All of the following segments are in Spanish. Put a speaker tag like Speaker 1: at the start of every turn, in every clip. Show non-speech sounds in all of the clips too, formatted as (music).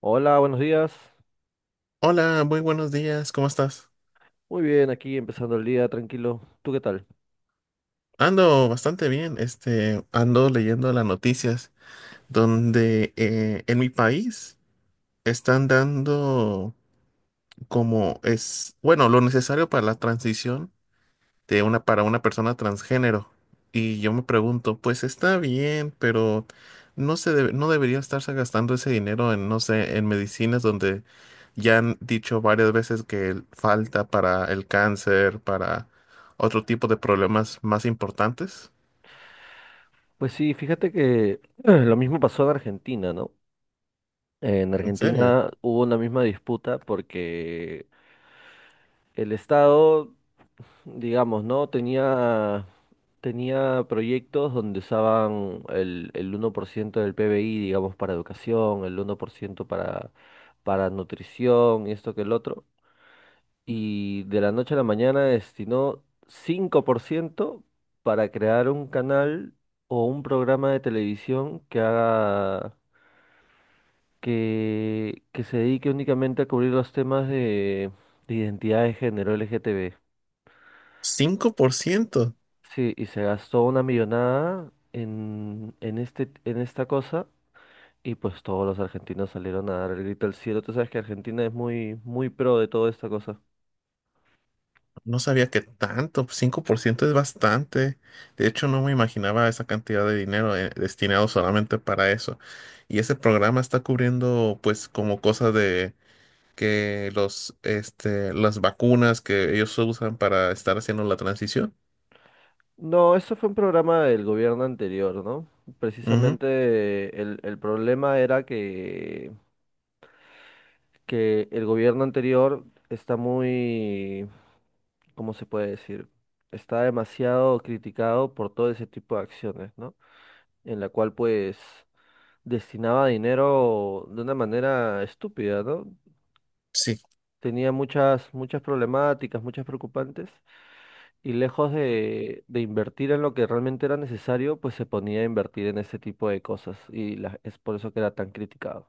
Speaker 1: Hola, buenos días.
Speaker 2: Hola, muy buenos días, ¿cómo estás?
Speaker 1: Muy bien, aquí empezando el día tranquilo. ¿Tú qué tal?
Speaker 2: Ando bastante bien, este, ando leyendo las noticias donde en mi país están dando como es, bueno, lo necesario para la transición de una para una persona transgénero. Y yo me pregunto, pues está bien, pero no debería estarse gastando ese dinero en, no sé, en medicinas donde ya han dicho varias veces que falta para el cáncer, para otro tipo de problemas más importantes.
Speaker 1: Pues sí, fíjate que (clears throat) lo mismo pasó en Argentina, ¿no? En
Speaker 2: ¿En serio?
Speaker 1: Argentina hubo una misma disputa porque el Estado, digamos, ¿no? Tenía proyectos donde usaban el 1% del PBI, digamos, para educación, el 1% para nutrición y esto que el otro. Y de la noche a la mañana destinó 5% para crear un canal o un programa de televisión que haga que se dedique únicamente a cubrir los temas de identidad de género LGTB.
Speaker 2: 5%.
Speaker 1: Sí, y se gastó una millonada en esta cosa. Y pues todos los argentinos salieron a dar el grito al cielo. Tú sabes que Argentina es muy, muy pro de toda esta cosa.
Speaker 2: No sabía que tanto, 5% es bastante. De hecho, no me imaginaba esa cantidad de dinero destinado solamente para eso. Y ese programa está cubriendo, pues, como cosas de que este, las vacunas que ellos usan para estar haciendo la transición.
Speaker 1: No, eso fue un programa del gobierno anterior, ¿no?
Speaker 2: Ujú.
Speaker 1: Precisamente el problema era que el gobierno anterior está muy, ¿cómo se puede decir? Está demasiado criticado por todo ese tipo de acciones, ¿no? En la cual pues destinaba dinero de una manera estúpida, ¿no?
Speaker 2: Sí,
Speaker 1: Tenía muchas, muchas problemáticas, muchas preocupantes. Y lejos de invertir en lo que realmente era necesario, pues se ponía a invertir en ese tipo de cosas. Es por eso que era tan criticado.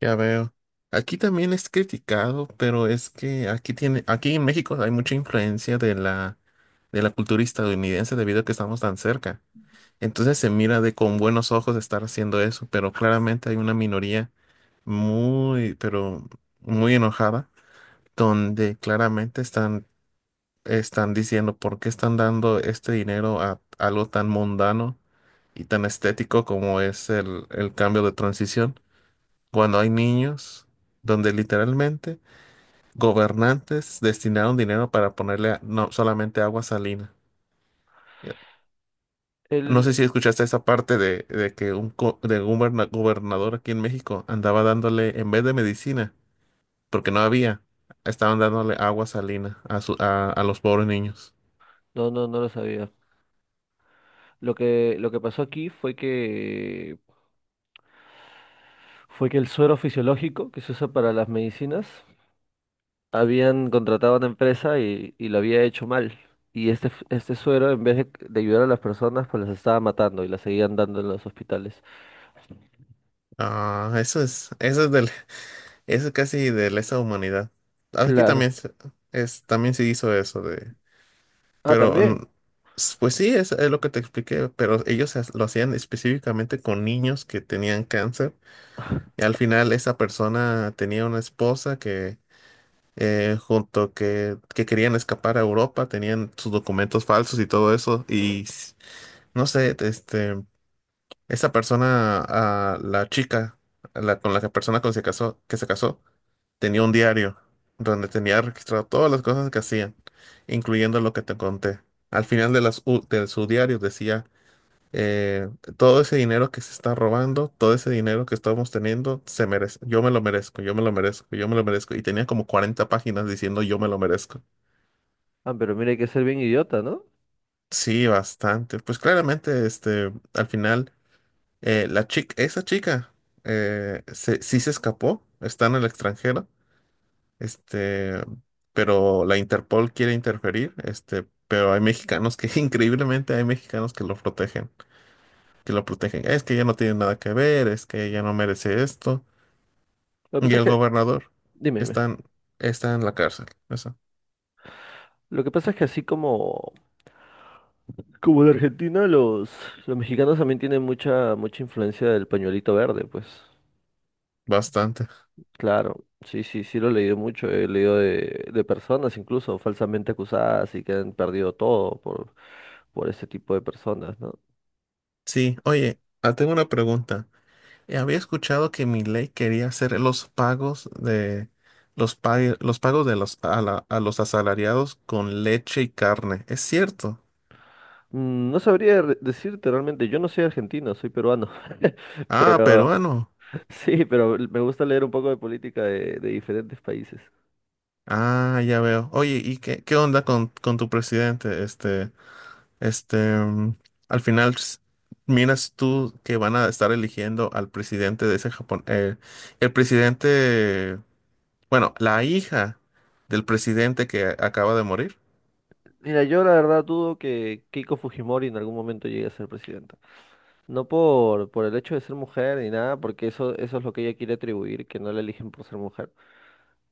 Speaker 2: ya veo. Aquí también es criticado, pero es que aquí en México hay mucha influencia de la cultura estadounidense debido a que estamos tan cerca. Entonces se mira de con buenos ojos estar haciendo eso, pero claramente hay una minoría muy, pero muy enojada, donde claramente están diciendo por qué están dando este dinero a algo tan mundano y tan estético como es el cambio de transición, cuando hay niños donde literalmente gobernantes destinaron dinero para ponerle no solamente agua salina. No sé
Speaker 1: Él,
Speaker 2: si escuchaste esa parte de que un co- de guberna- gobernador aquí en México andaba dándole, en vez de medicina, porque no había, estaban dándole agua salina a los pobres niños.
Speaker 1: no, no, no lo sabía. Lo que pasó aquí fue que el suero fisiológico que se usa para las medicinas, habían contratado a una empresa y lo había hecho mal. Y este suero, en vez de ayudar a las personas, pues las estaba matando y las seguían dando en los hospitales.
Speaker 2: Ah, eso es casi de lesa humanidad. Aquí
Speaker 1: Claro.
Speaker 2: también también se hizo eso de,
Speaker 1: Ah,
Speaker 2: pero
Speaker 1: también.
Speaker 2: pues sí, es lo que te expliqué, pero ellos lo hacían específicamente con niños que tenían cáncer. Y al final esa persona tenía una esposa junto que querían escapar a Europa, tenían sus documentos falsos y todo eso, y no sé, este, esa persona, la chica, la, con la que- persona con la que se casó, tenía un diario donde tenía registrado todas las cosas que hacían, incluyendo lo que te conté. Al final de su diario decía eh, todo ese dinero que se está robando, todo ese dinero que estamos teniendo, se merece. Yo me lo merezco, yo me lo merezco, yo me lo merezco. Y tenía como 40 páginas diciendo yo me lo merezco.
Speaker 1: Ah, pero mira, hay que ser bien idiota, ¿no?
Speaker 2: Sí, bastante. Pues claramente, este, al final, esa chica, sí se escapó, está en el extranjero, este, pero la Interpol quiere interferir, este, pero hay mexicanos que, (laughs) increíblemente, hay mexicanos que lo protegen, que lo protegen. Es que ella no tiene nada que ver, es que ella no merece esto.
Speaker 1: Lo que
Speaker 2: Y
Speaker 1: pasa es
Speaker 2: el
Speaker 1: que,
Speaker 2: gobernador
Speaker 1: dime, dime.
Speaker 2: están, está en la cárcel. Eso,
Speaker 1: Lo que pasa es que así como en Argentina, los mexicanos también tienen mucha, mucha influencia del pañuelito verde, pues.
Speaker 2: bastante.
Speaker 1: Claro, sí, sí, sí lo he leído mucho, he leído de personas incluso falsamente acusadas y que han perdido todo por ese tipo de personas, ¿no?
Speaker 2: Sí, oye, tengo una pregunta. Había escuchado que ley quería hacer los pagos de los pagos de a los asalariados con leche y carne. ¿Es cierto?
Speaker 1: No sabría decirte realmente, yo no soy argentino, soy peruano, (laughs)
Speaker 2: Ah,
Speaker 1: pero
Speaker 2: peruano.
Speaker 1: sí, pero me gusta leer un poco de política de diferentes países.
Speaker 2: Ah, ya veo. Oye, ¿y qué onda con tu presidente? Este, al final, miras tú que van a estar eligiendo al presidente de ese Japón. El presidente, bueno, la hija del presidente que acaba de morir.
Speaker 1: Mira, yo la verdad dudo que Keiko Fujimori en algún momento llegue a ser presidenta. No por el hecho de ser mujer ni nada, porque eso es lo que ella quiere atribuir, que no la eligen por ser mujer.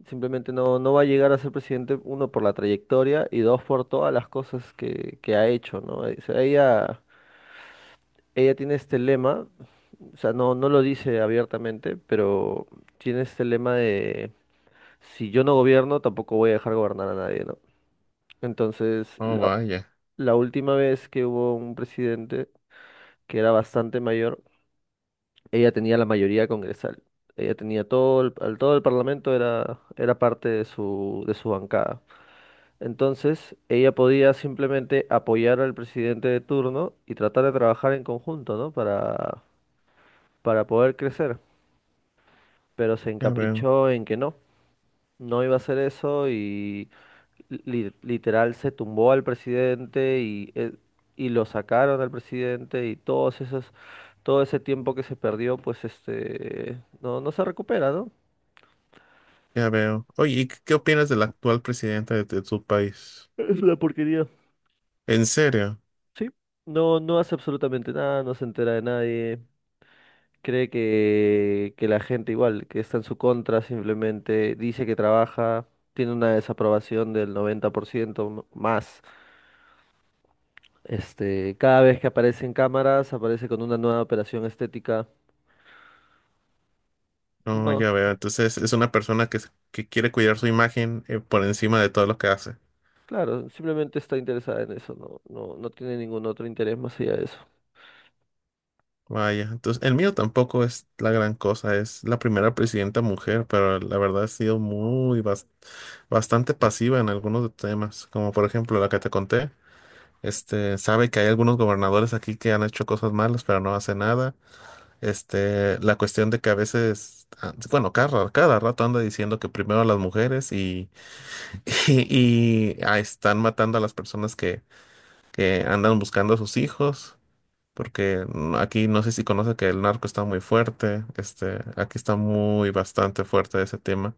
Speaker 1: Simplemente no va a llegar a ser presidente, uno, por la trayectoria y dos, por todas las cosas que ha hecho, ¿no? O sea, ella tiene este lema, o sea, no lo dice abiertamente, pero tiene este lema de si yo no gobierno, tampoco voy a dejar gobernar a nadie, ¿no? Entonces,
Speaker 2: Oh,
Speaker 1: la-
Speaker 2: vaya,
Speaker 1: la última vez que hubo un presidente que era bastante mayor, ella tenía la mayoría congresal. Ella tenía todo todo el parlamento era parte de su bancada. Entonces, ella podía simplemente apoyar al presidente de turno y tratar de trabajar en conjunto, ¿no? Para poder crecer. Pero se
Speaker 2: ya veo,
Speaker 1: encaprichó en que no. No iba a hacer eso y literal se tumbó al presidente y lo sacaron al presidente y todo ese tiempo que se perdió, pues no se recupera, ¿no?
Speaker 2: ya veo. Oye, ¿y qué opinas del actual presidente de tu país?
Speaker 1: Es una porquería.
Speaker 2: ¿En serio?
Speaker 1: Sí, no hace absolutamente nada, no se entera de nadie. Cree que la gente igual, que está en su contra, simplemente dice que trabaja, tiene una desaprobación del 90% más. Cada vez que aparece en cámaras, aparece con una nueva operación estética.
Speaker 2: No,
Speaker 1: No,
Speaker 2: ya veo. Entonces, es una persona que, que quiere cuidar su imagen, por encima de todo lo que hace.
Speaker 1: claro, simplemente está interesada en eso, no tiene ningún otro interés más allá de eso.
Speaker 2: Vaya, entonces el mío tampoco es la gran cosa, es la primera presidenta mujer, pero la verdad ha sido muy bastante pasiva en algunos temas, como por ejemplo la que te conté, este, sabe que hay algunos gobernadores aquí que han hecho cosas malas, pero no hace nada, este, la cuestión de que a veces, bueno, cada rato anda diciendo que primero las mujeres y, (laughs) y están matando a las personas que andan buscando a sus hijos porque aquí no sé si conoce que el narco está muy fuerte, este, aquí está muy bastante fuerte ese tema,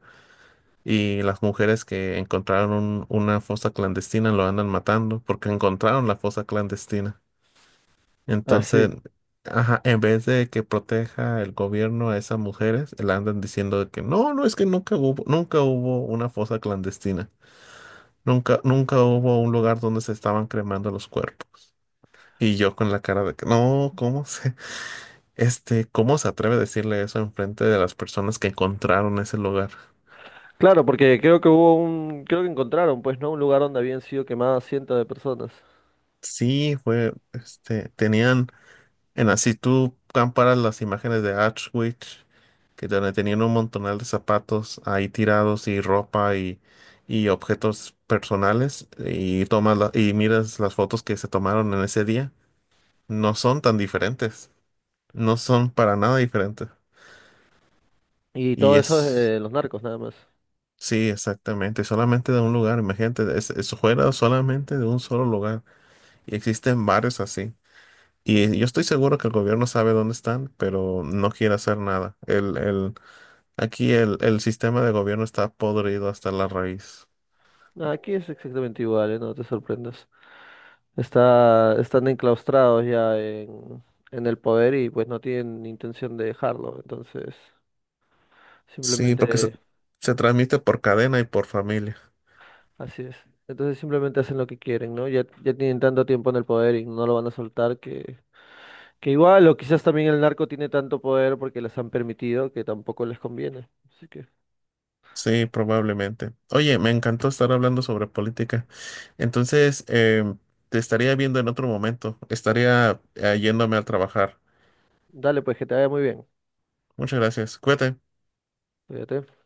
Speaker 2: y las mujeres que encontraron una fosa clandestina lo andan matando porque encontraron la fosa clandestina.
Speaker 1: Ah, sí.
Speaker 2: Entonces, ajá, en vez de que proteja el gobierno a esas mujeres, le andan diciendo de que no, no, es que nunca hubo, nunca hubo una fosa clandestina. Nunca, nunca hubo un lugar donde se estaban cremando los cuerpos. Y yo con la cara de que, no, ¿cómo? (laughs) Este, ¿cómo se atreve a decirle eso en frente de las personas que encontraron ese lugar?
Speaker 1: Claro, porque creo que encontraron, pues, ¿no? Un lugar donde habían sido quemadas cientos de personas.
Speaker 2: Sí, fue, este, tenían, en así tú comparas las imágenes de Auschwitz, que donde tenían un montonal de zapatos ahí tirados y ropa y objetos personales, y y miras las fotos que se tomaron en ese día, no son tan diferentes, no son para nada diferentes.
Speaker 1: Y
Speaker 2: Y
Speaker 1: todo eso es
Speaker 2: es
Speaker 1: de los narcos, nada más.
Speaker 2: Sí, exactamente, solamente de un lugar, imagínate, eso fuera solamente de un solo lugar y existen varios así. Y yo estoy seguro que el gobierno sabe dónde están, pero no quiere hacer nada. Aquí el sistema de gobierno está podrido hasta la raíz.
Speaker 1: Ah, aquí es exactamente igual, ¿eh? No te sorprendas. Están enclaustrados ya en el poder y pues no tienen intención de dejarlo. Entonces,
Speaker 2: Sí, porque se,
Speaker 1: simplemente
Speaker 2: se transmite por cadena y por familia.
Speaker 1: Así es. Entonces simplemente hacen lo que quieren, ¿no? Ya tienen tanto tiempo en el poder y no lo van a soltar que igual, o quizás también el narco tiene tanto poder porque les han permitido que tampoco les conviene. Así que,
Speaker 2: Sí, probablemente. Oye, me encantó estar hablando sobre política. Entonces, te estaría viendo en otro momento. Estaría yéndome a trabajar.
Speaker 1: dale, pues que te vaya muy bien.
Speaker 2: Muchas gracias. Cuídate.
Speaker 1: Cuídate.